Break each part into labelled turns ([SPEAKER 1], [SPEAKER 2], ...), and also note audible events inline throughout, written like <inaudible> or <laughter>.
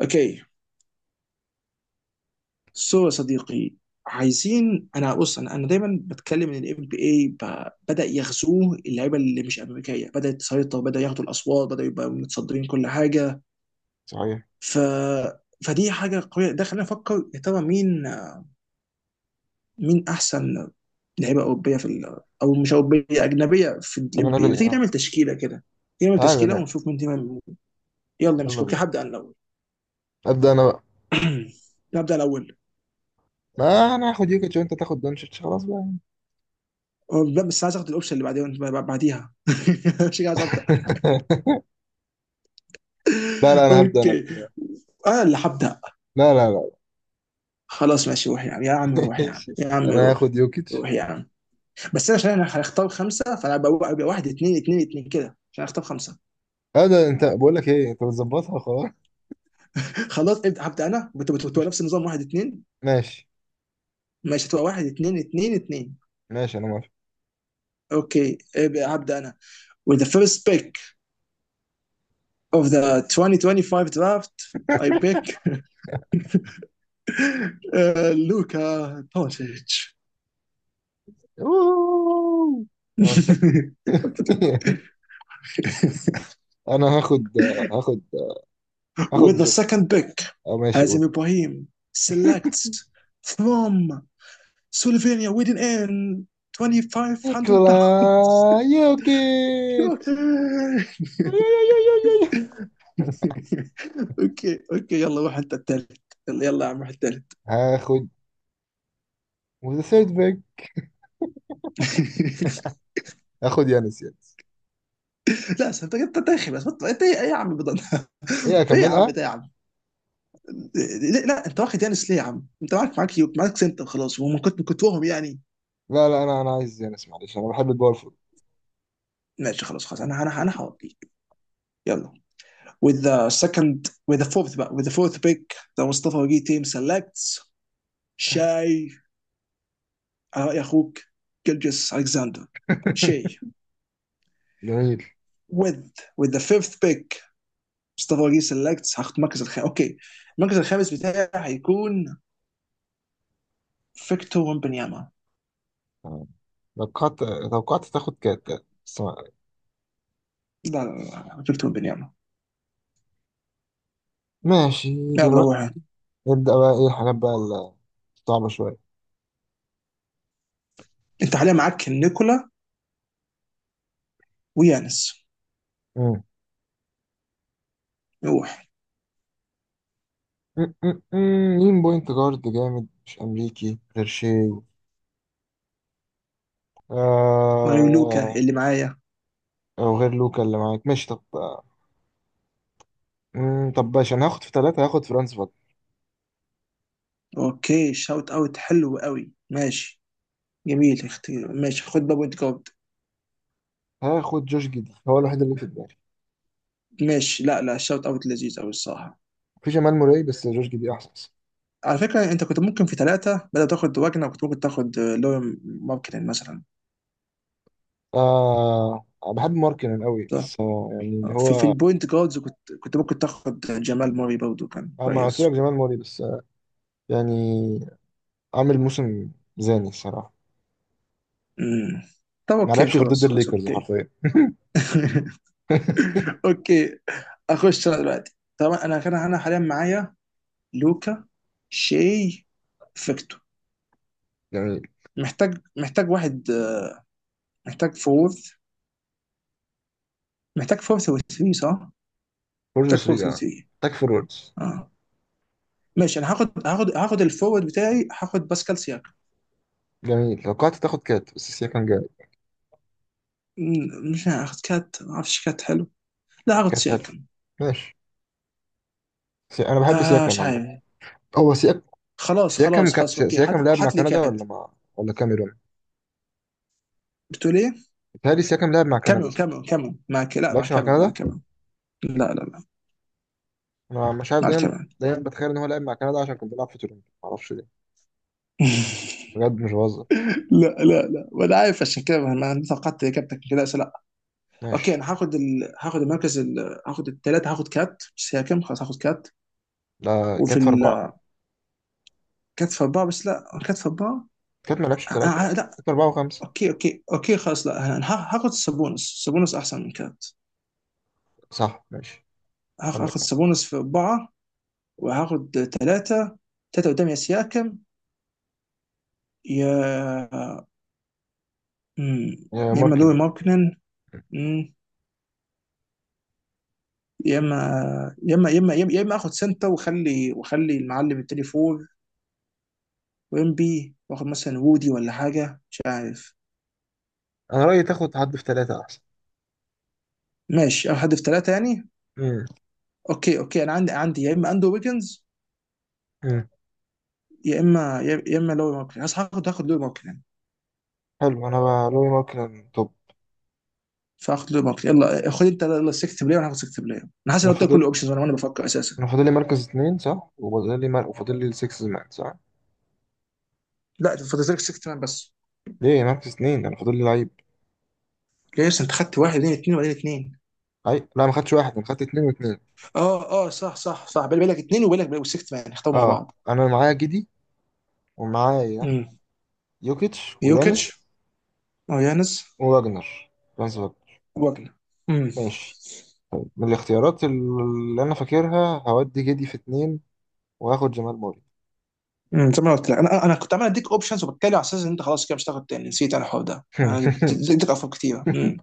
[SPEAKER 1] اوكي، سو يا صديقي، عايزين. انا بص، انا دايما بتكلم ان الام بي اي بدا يغزوه اللعيبه اللي مش امريكيه، بدات تسيطر، بدا ياخدوا الاصوات، بدا يبقى متصدرين كل حاجه.
[SPEAKER 2] صحيح.
[SPEAKER 1] ف فدي حاجه قويه، ده خلينا نفكر يا ترى مين احسن لعيبه اوروبيه في او مش اوروبيه، اجنبيه، في الام
[SPEAKER 2] انا
[SPEAKER 1] بي اي. ما
[SPEAKER 2] بيه،
[SPEAKER 1] تيجي
[SPEAKER 2] اه.
[SPEAKER 1] نعمل تشكيله كده، نعمل
[SPEAKER 2] تعالى،
[SPEAKER 1] تشكيله
[SPEAKER 2] نعم.
[SPEAKER 1] ونشوف مين. تمام، يلا، مش
[SPEAKER 2] يلا
[SPEAKER 1] اوكي،
[SPEAKER 2] بينا.
[SPEAKER 1] هبدا انا الاول.
[SPEAKER 2] ابدا انا بقى.
[SPEAKER 1] <clears throat> نبدا الاول.
[SPEAKER 2] ما انا هاخد يوكيتش وانت تاخد دونتش خلاص بقى.
[SPEAKER 1] بس عايز اخد الاوبشن اللي بعدين بعديها. <laughs> مش عايز ابدا.
[SPEAKER 2] <laughs> لا لا انا هبدا انا.
[SPEAKER 1] اوكي، انا اللي هبدا.
[SPEAKER 2] لا لا لا.
[SPEAKER 1] خلاص ماشي، روح يا عم يا عم،
[SPEAKER 2] <laughs>
[SPEAKER 1] روح يا عم
[SPEAKER 2] ماشي.
[SPEAKER 1] يا عم،
[SPEAKER 2] انا
[SPEAKER 1] روح.
[SPEAKER 2] هاخد يوكيتش.
[SPEAKER 1] روح يا عم. بس انا عشان انا هختار خمسه، فانا ابقى واحد اثنين اثنين اثنين كده عشان اختار خمسه.
[SPEAKER 2] هذا انت، بقول لك ايه، انت بتظبطها خلاص.
[SPEAKER 1] خلاص ابدا، هبدا انا. بتبقى
[SPEAKER 2] مش...
[SPEAKER 1] نفس النظام، واحد اثنين.
[SPEAKER 2] ماشي،
[SPEAKER 1] ماشي، هتبقى واحد اثنين اثنين اثنين.
[SPEAKER 2] ماشي. انا موافق.
[SPEAKER 1] اوكي، ابقى هبدا انا. With the first pick of the 2025 draft, I pick <laughs> Luka Doncic.
[SPEAKER 2] أوه. هنسى. <laughs>
[SPEAKER 1] <laughs>
[SPEAKER 2] انا هاخد هاخد
[SPEAKER 1] With the
[SPEAKER 2] جوكر.
[SPEAKER 1] second pick,
[SPEAKER 2] او ماشي،
[SPEAKER 1] Hazim
[SPEAKER 2] قول.
[SPEAKER 1] Ibrahim selects from Slovenia with an N, 2500
[SPEAKER 2] نيكولا
[SPEAKER 1] باوندز.
[SPEAKER 2] يوكيتش. <laughs>
[SPEAKER 1] اوكي اوكي، <laughs> يلا روح، انت الثالث. يلا يلا يا عم، روح الثالث.
[SPEAKER 2] هاخد وذا ثيرد باك.
[SPEAKER 1] <laughs>
[SPEAKER 2] هاخد يانس.
[SPEAKER 1] لا، انت داخل بس بطل. انت ايه يا عم؟ بضل
[SPEAKER 2] هي
[SPEAKER 1] ايه يا عم
[SPEAKER 2] اكملها.
[SPEAKER 1] ده يا عم؟ لا، انت واخد يانس ليه يا عم؟ انت معاك يوك، معاك سنتر خلاص، وما كنت وهم يعني.
[SPEAKER 2] لا لا، انا عايز يانس. معلش، انا بحب الباور فود.
[SPEAKER 1] ماشي خلاص خلاص، انا هوديك. يلا. With the second, with the fourth, with the fourth pick, the Mustafa Wagi team selects Shay، على رأي أخوك، جلجس ألكساندر. شي
[SPEAKER 2] <laughs> جميل.
[SPEAKER 1] with with the fifth pick. مصطفى وجيه سيلكتس، هاخد المركز الخامس. اوكي، المركز الخامس بتاعي هيكون فيكتور ومبنياما.
[SPEAKER 2] تمام. توقعت. توقعت تاخد كات بس
[SPEAKER 1] لا لا لا، فيكتور ومبنياما.
[SPEAKER 2] ماشي
[SPEAKER 1] يلا
[SPEAKER 2] دلوقتي.
[SPEAKER 1] روح.
[SPEAKER 2] نبدأ بقى ايه الحاجات بقى الصعبة شوية.
[SPEAKER 1] انت حاليا معاك نيكولا ويانس.
[SPEAKER 2] مم.
[SPEAKER 1] روح.
[SPEAKER 2] مم، مم، مم. مين بوينت جارد جامد مش أمريكي غير شي؟
[SPEAKER 1] ماريو لوكا
[SPEAKER 2] آه...
[SPEAKER 1] اللي معايا.
[SPEAKER 2] أو غير لوكا اللي معاك. ماشي طب، طب باشا، أنا هاخد في ثلاثة هاخد فرانس فاجنر.
[SPEAKER 1] اوكي، شاوت اوت حلو قوي. ماشي جميل اختي، ماشي، خد بابوينت جارد.
[SPEAKER 2] هاخد جوش جدي، هو الوحيد اللي في دماغي.
[SPEAKER 1] ماشي، لا لا، شوت اوت لذيذ قوي الصراحه.
[SPEAKER 2] في جمال موراي بس جوش جدي أحسن.
[SPEAKER 1] على فكره، انت كنت ممكن في ثلاثه بدل تاخد واجنر، كنت ممكن تاخد لوري ماركتن مثلا.
[SPEAKER 2] آه، بحب ماركنن قوي
[SPEAKER 1] صح.
[SPEAKER 2] بس يعني اللي
[SPEAKER 1] في في
[SPEAKER 2] هو...
[SPEAKER 1] البوينت جاردز، كنت ممكن تاخد جمال موري برضه، كان
[SPEAKER 2] ما قلت لك
[SPEAKER 1] كويس.
[SPEAKER 2] جمال موري بس يعني عامل موسم زاني الصراحة.
[SPEAKER 1] امم طب
[SPEAKER 2] ما
[SPEAKER 1] اوكي،
[SPEAKER 2] لعبش غير ضد
[SPEAKER 1] خلاص خلاص،
[SPEAKER 2] الليكرز
[SPEAKER 1] اوكي.
[SPEAKER 2] حرفيا.
[SPEAKER 1] <laughs>
[SPEAKER 2] <laughs>
[SPEAKER 1] اوكي، اخش انا دلوقتي. طبعا انا حاليا معايا لوكا، شي، فيكتور.
[SPEAKER 2] جميل.
[SPEAKER 1] محتاج واحد، محتاج فورث محتاج فورث و3، صح؟
[SPEAKER 2] فور
[SPEAKER 1] محتاج فورث
[SPEAKER 2] 3،
[SPEAKER 1] و3.
[SPEAKER 2] اه. تاك فوروردز.
[SPEAKER 1] اه ماشي، انا هاخد، هاخد الفورورد بتاعي، هاخد باسكال سياكم.
[SPEAKER 2] جميل، لو قعدت تاخد كات بس سياكم جامد.
[SPEAKER 1] مش هاخد كات، ما اعرفش، كات حلو. لا، هاخد
[SPEAKER 2] كات حلو.
[SPEAKER 1] سياكم.
[SPEAKER 2] ماشي. انا بحب
[SPEAKER 1] آه،
[SPEAKER 2] سياكم
[SPEAKER 1] مش
[SPEAKER 2] عامة.
[SPEAKER 1] عارف،
[SPEAKER 2] هو سياك...
[SPEAKER 1] خلاص خلاص خلاص، اوكي، هات.
[SPEAKER 2] سياكم لعب مع
[SPEAKER 1] هات لي
[SPEAKER 2] كندا
[SPEAKER 1] كات.
[SPEAKER 2] ولا مع ولا كاميرون؟
[SPEAKER 1] بتقول ايه؟
[SPEAKER 2] بيتهيألي سياكم لعب مع كندا،
[SPEAKER 1] كاميرون،
[SPEAKER 2] صح؟
[SPEAKER 1] كاميرون كاميرون،
[SPEAKER 2] ما
[SPEAKER 1] لا، مع
[SPEAKER 2] لعبش مع
[SPEAKER 1] كاميرون، مع
[SPEAKER 2] كندا؟
[SPEAKER 1] كاميرون. لا لا لا،
[SPEAKER 2] انا مش عارف.
[SPEAKER 1] مع
[SPEAKER 2] دايما
[SPEAKER 1] الكاميرون. <laughs>
[SPEAKER 2] دايما بتخيل ان هو لعب مع كندا عشان كان بيلعب في تورنتو، ما اعرفش ليه. بجد مش بهزر.
[SPEAKER 1] لا لا لا، وانا عارف، عشان كده ما توقعت اجابتك كده. بس لا. اوكي،
[SPEAKER 2] ماشي.
[SPEAKER 1] انا هاخد هاخد المركز هاخد الثلاثه، هاخد كات سياكم. خلاص، هاخد كات.
[SPEAKER 2] لا
[SPEAKER 1] وفي
[SPEAKER 2] كانت في أربعة.
[SPEAKER 1] كات في اربعه، بس لا، كات في اربعه.
[SPEAKER 2] كانت ما لعبش في
[SPEAKER 1] آه، آه،
[SPEAKER 2] ثلاثة
[SPEAKER 1] آه،
[SPEAKER 2] أصلا،
[SPEAKER 1] لا.
[SPEAKER 2] كانت في أربعة وخمسة.
[SPEAKER 1] اوكي اوكي اوكي خلاص، لا، انا هاخد سابونس، سابونس احسن من كات.
[SPEAKER 2] صح، ماشي. عندك
[SPEAKER 1] هاخد
[SPEAKER 2] حق.
[SPEAKER 1] سابونس في اربعه. وهاخد ثلاثه، ثلاثه قدام يا سياكم. يا مم،
[SPEAKER 2] يا
[SPEAKER 1] يا اما لوي
[SPEAKER 2] ماركن.
[SPEAKER 1] ماركنن، مم، يا اما يا اما اخد سنتا وخلي وخلي المعلم التاني فور، وامبي، واخد مثلا وودي ولا حاجه، مش عارف.
[SPEAKER 2] أنا رأيي تاخد حد في ثلاثة أحسن.
[SPEAKER 1] ماشي، اخد حد في ثلاثه يعني.
[SPEAKER 2] امم.
[SPEAKER 1] اوكي اوكي، انا عندي يا اما اندرو ويجنز،
[SPEAKER 2] امم.
[SPEAKER 1] يا اما لوي ماركنن. هاخد لوي ماركنن.
[SPEAKER 2] حلو، أنا بقى رأيي ماركن توب.
[SPEAKER 1] فاخد ليبرت، يلا خد انت يلا، سكت بلاير، وانا هاخد سكت بلاير. انا حاسس
[SPEAKER 2] أنا
[SPEAKER 1] ان قلت لك كل
[SPEAKER 2] فاضل.
[SPEAKER 1] الاوبشنز، وانا بفكر اساسا.
[SPEAKER 2] أنا فاضل لي مركز اتنين، صح. وفاضل لي السكس مان، صح.
[SPEAKER 1] لا، انت فاضلك سكت مان بس.
[SPEAKER 2] ليه مركز اتنين؟ أنا فاضل لي لعيب.
[SPEAKER 1] جايز انت خدت واحد اثنين اثنين وبعدين اثنين.
[SPEAKER 2] أي، لا ما خدتش واحد، أنا خدت اتنين واتنين.
[SPEAKER 1] اه اه، صح صح صح، بالي بالك اثنين، وبالك والسكت مان اختاروا مع
[SPEAKER 2] أه.
[SPEAKER 1] بعض.
[SPEAKER 2] أنا معايا جدي ومعايا
[SPEAKER 1] امم
[SPEAKER 2] يوكيتش ويانس.
[SPEAKER 1] يوكيتش، او يانس،
[SPEAKER 2] وواجنر. فرانس واجنر.
[SPEAKER 1] واجنر. امم
[SPEAKER 2] ماشي. من الاختيارات اللي أنا فاكرها هودي جدي في اتنين وهاخد جمال موري.
[SPEAKER 1] زي ما قلت لك، انا كنت عمال اديك اوبشنز وبتكلم على اساس ان انت خلاص كده مش هتاخد تاني. نسيت انا الحوار ده، انا
[SPEAKER 2] <laughs>
[SPEAKER 1] اديتك افكار كتيره.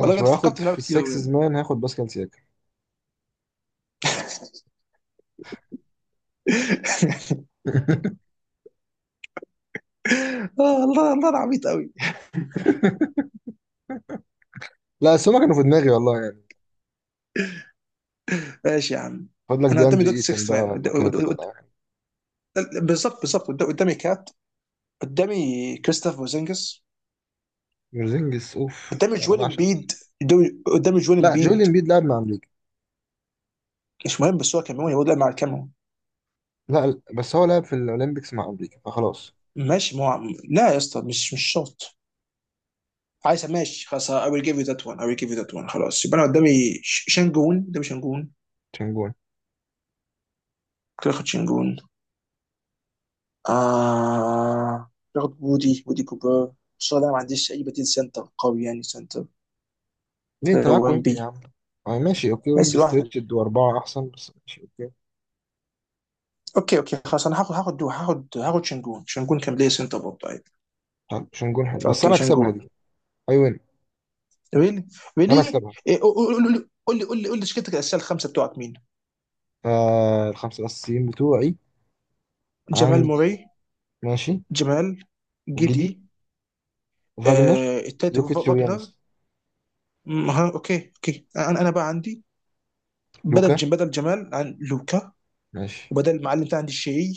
[SPEAKER 1] والله بجد
[SPEAKER 2] وهاخد
[SPEAKER 1] فكرت في لعبه
[SPEAKER 2] في
[SPEAKER 1] كتير قوي
[SPEAKER 2] السكسز
[SPEAKER 1] يعني. <laughs>
[SPEAKER 2] مان هاخد باسكال سياكا. <laughs>
[SPEAKER 1] الله الله، انا عبيط قوي.
[SPEAKER 2] لا بس هما كانوا في دماغي والله يعني.
[SPEAKER 1] ماشي يا عم.
[SPEAKER 2] خد لك
[SPEAKER 1] انا
[SPEAKER 2] دي
[SPEAKER 1] قدامي
[SPEAKER 2] اندري
[SPEAKER 1] دوت
[SPEAKER 2] ايتن
[SPEAKER 1] 6
[SPEAKER 2] ده
[SPEAKER 1] مان،
[SPEAKER 2] ولا كات ولا حاجة.
[SPEAKER 1] بالظبط بالظبط، قدامي كات، قدامي كريستوف بوزينجس،
[SPEAKER 2] مرزينجس اوف.
[SPEAKER 1] قدامي
[SPEAKER 2] انا
[SPEAKER 1] جويل
[SPEAKER 2] بعشق مرزينجس.
[SPEAKER 1] امبيد، قدامي قدامي جويل
[SPEAKER 2] لا جويل
[SPEAKER 1] امبيد.
[SPEAKER 2] امبيد لعب مع امريكا.
[SPEAKER 1] مش مهم، بس هو كاميرون، يقول لا، مع الكاميرون.
[SPEAKER 2] لا لا، بس هو لعب في الاولمبيكس مع امريكا فخلاص.
[SPEAKER 1] ماشي، ما هو، لا يا اسطى، مش شرط. عايز، ماشي خلاص. I will give you that one. خلاص، يبقى انا قدامي شانجون، قدامي شانجون.
[SPEAKER 2] تشنجون.
[SPEAKER 1] كده، اخد شانجون. آه اخد وودي كوبر. بس انا ما عنديش اي بديل سنتر قوي، يعني سنتر.
[SPEAKER 2] ليه انت
[SPEAKER 1] هو
[SPEAKER 2] معاك
[SPEAKER 1] ام
[SPEAKER 2] ويمبي
[SPEAKER 1] بي.
[SPEAKER 2] يا عم؟ آه، ماشي اوكي.
[SPEAKER 1] بس
[SPEAKER 2] ويمبي
[SPEAKER 1] لوحده.
[SPEAKER 2] ستريتشد واربعه احسن بس ماشي اوكي.
[SPEAKER 1] اوكي اوكي خلاص، انا هاخد، هاخد شنجون. شنجون كان بلاي سنتر برضه عادي.
[SPEAKER 2] حلو، تشنجون حلو بس
[SPEAKER 1] فاوكي،
[SPEAKER 2] انا اكسبها دي.
[SPEAKER 1] شنجون.
[SPEAKER 2] اي وين.
[SPEAKER 1] ريلي
[SPEAKER 2] انا
[SPEAKER 1] ريلي
[SPEAKER 2] اكسبها.
[SPEAKER 1] قول لي، قول لي تشكيلتك الاساسيه، الخمسه بتوعك مين؟
[SPEAKER 2] آه، الخمسه الاساسيين بتوعي.
[SPEAKER 1] جمال موري.
[SPEAKER 2] عندي. ماشي.
[SPEAKER 1] جمال،
[SPEAKER 2] وجدي.
[SPEAKER 1] جدي.
[SPEAKER 2] فاجنر.
[SPEAKER 1] التالت
[SPEAKER 2] يوكيتش
[SPEAKER 1] فاجنر.
[SPEAKER 2] ويانس.
[SPEAKER 1] ها، اوكي اوكي، انا بقى عندي
[SPEAKER 2] لوكا.
[SPEAKER 1] بدل جمال عن لوكا،
[SPEAKER 2] ماشي.
[SPEAKER 1] وبدل المعلم بتاعي عندي الشيعي،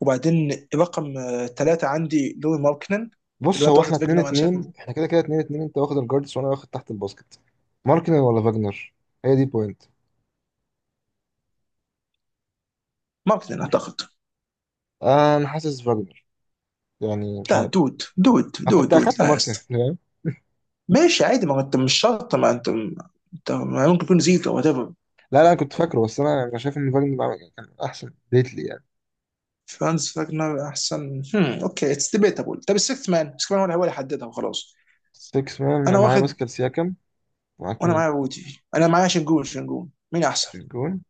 [SPEAKER 1] وبعدين رقم ثلاثه عندي لوي ماركنن. اللي
[SPEAKER 2] بص،
[SPEAKER 1] هو انت
[SPEAKER 2] هو احنا
[SPEAKER 1] واخد
[SPEAKER 2] اتنين
[SPEAKER 1] فيجنر، انا شايف.
[SPEAKER 2] اتنين، احنا كده كده اتنين اتنين. انت واخد الجاردس وانا واخد تحت الباسكت. ماركنن ولا فاجنر؟ هي دي بوينت.
[SPEAKER 1] ماركنن اعتقد.
[SPEAKER 2] آه، انا حاسس فاجنر، يعني مش
[SPEAKER 1] لا
[SPEAKER 2] عارف.
[SPEAKER 1] دود دود
[SPEAKER 2] انا
[SPEAKER 1] دود
[SPEAKER 2] كنت
[SPEAKER 1] دود،
[SPEAKER 2] اخدت
[SPEAKER 1] لا يا
[SPEAKER 2] ماركنن،
[SPEAKER 1] اسطى.
[SPEAKER 2] فاهم.
[SPEAKER 1] ماشي عادي، ما هو انت مش شرط، ما انت، انت ما ممكن يكون زيكو وات ايفر.
[SPEAKER 2] لا لا، انا كنت فاكره بس انا شايف ان فاجنر كان احسن ديتلي يعني.
[SPEAKER 1] فرانز فاجنر احسن، هم. اوكي، اتس ديبيتابل. طب السيكس مان، السيكس مان هو اللي حددها وخلاص.
[SPEAKER 2] 6
[SPEAKER 1] انا
[SPEAKER 2] مان معايا
[SPEAKER 1] واخد،
[SPEAKER 2] باسكال سياكم. معاك
[SPEAKER 1] وانا
[SPEAKER 2] مين؟
[SPEAKER 1] معايا رودي، انا معايا شنجون. شنجون، مين احسن؟
[SPEAKER 2] تريجون.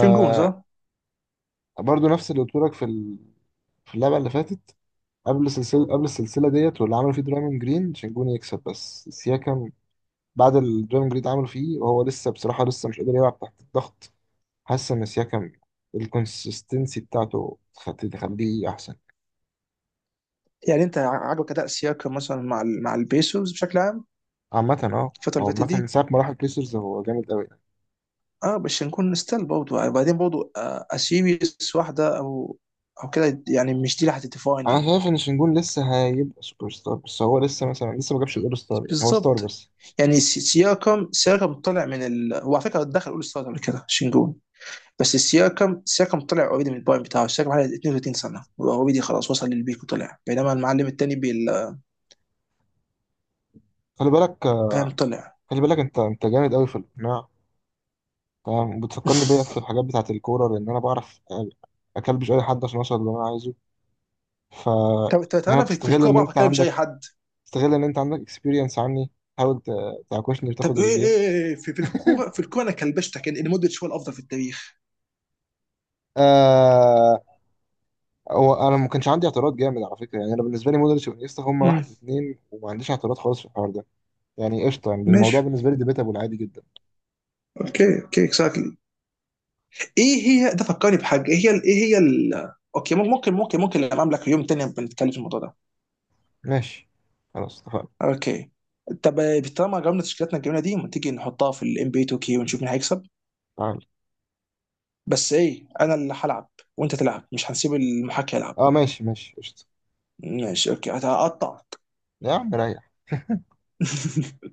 [SPEAKER 1] شنجون صح؟
[SPEAKER 2] برضو نفس اللي قلت لك في ال... في اللعبه اللي فاتت. قبل السلسله ديت واللي عملوا فيه درايمون جرين، شنجون يكسب بس سياكم بعد الدرايفنج جريد عملوا فيه، وهو لسه بصراحة لسه مش قادر يلعب تحت الضغط. حاسس إن سياكم الكونسستنسي بتاعته تخليه أحسن.
[SPEAKER 1] يعني انت عاجبك اداء سياكم مثلا مع مع البيسوز بشكل عام،
[SPEAKER 2] عامة اه.
[SPEAKER 1] الفتره اللي
[SPEAKER 2] هو
[SPEAKER 1] فاتت
[SPEAKER 2] عامة من
[SPEAKER 1] دي.
[SPEAKER 2] ساعة ما راح البيسرز هو جامد أوي.
[SPEAKER 1] اه، بس شنجون ستيل برضه، وبعدين برضه اسيريس واحده او كده، يعني مش دي اللي هتديفاين
[SPEAKER 2] أنا
[SPEAKER 1] يو.
[SPEAKER 2] شايف إن شنجون لسه هيبقى سوبر ستار بس هو لسه مثلا لسه ما جابش الأول ستار، يعني هو ستار
[SPEAKER 1] بالظبط.
[SPEAKER 2] بس.
[SPEAKER 1] يعني سياكم طلع من هو على فكره دخل اول ستار قبل كده، شنجون. بس سياكم، سياكم طلع اوريدي، من البوينت بتاعه سياكم على 32 سنه، اوريدي خلاص وصل للبيك وطلع، بينما المعلم التاني
[SPEAKER 2] خلي بالك.
[SPEAKER 1] فاهم، طلع.
[SPEAKER 2] خلي بالك، أنت جامد أوي في الإقناع. تمام، بتفكرني بيا في
[SPEAKER 1] <laughs>
[SPEAKER 2] الحاجات بتاعة الكورة لأن أنا بعرف أكلبش أي حد عشان أوصل اللي أنا عايزه. ف...
[SPEAKER 1] طب
[SPEAKER 2] هنا
[SPEAKER 1] انا في في
[SPEAKER 2] بتستغل
[SPEAKER 1] الكوره
[SPEAKER 2] إن
[SPEAKER 1] بعرف
[SPEAKER 2] أنت
[SPEAKER 1] اكلم مش
[SPEAKER 2] عندك.
[SPEAKER 1] اي حد.
[SPEAKER 2] استغل ان انت عندك اكسبيرينس عني. حاول تعكشني
[SPEAKER 1] طب
[SPEAKER 2] وتاخد
[SPEAKER 1] ايه
[SPEAKER 2] الجيم.
[SPEAKER 1] ايه في في الكوره
[SPEAKER 2] <laughs>
[SPEAKER 1] في الكوره، انا كلبشتك ان مودريتش هو الافضل في التاريخ.
[SPEAKER 2] آه. هو انا ما كانش عندي اعتراض جامد على فكره، يعني انا بالنسبه لي مودريتش وانيستا هم
[SPEAKER 1] امم
[SPEAKER 2] واحد واثنين، وما عنديش اعتراض خالص في الحوار ده. يعني قشطه، يعني الموضوع
[SPEAKER 1] ماشي،
[SPEAKER 2] بالنسبه لي ديبيتابل عادي جدا.
[SPEAKER 1] اوكي اوكي، اكزاكتلي. ايه هي؟ ده فكرني بحاجه. اوكي، ممكن لما املك يوم تاني بنتكلم في الموضوع ده.
[SPEAKER 2] ماشي. خلاص اتفقنا.
[SPEAKER 1] اوكي، طب طالما جربنا تشكيلاتنا الجميله دي، ما تيجي نحطها في الام بي 2 كي ونشوف مين هيكسب؟
[SPEAKER 2] تعال.
[SPEAKER 1] بس ايه، انا اللي هلعب وانت تلعب، مش هنسيب المحاكي يلعب.
[SPEAKER 2] اه ماشي ماشي قشطه.
[SPEAKER 1] ماشي اوكي، هقطعك.
[SPEAKER 2] يا عم ريح. <laughs>
[SPEAKER 1] <laughs>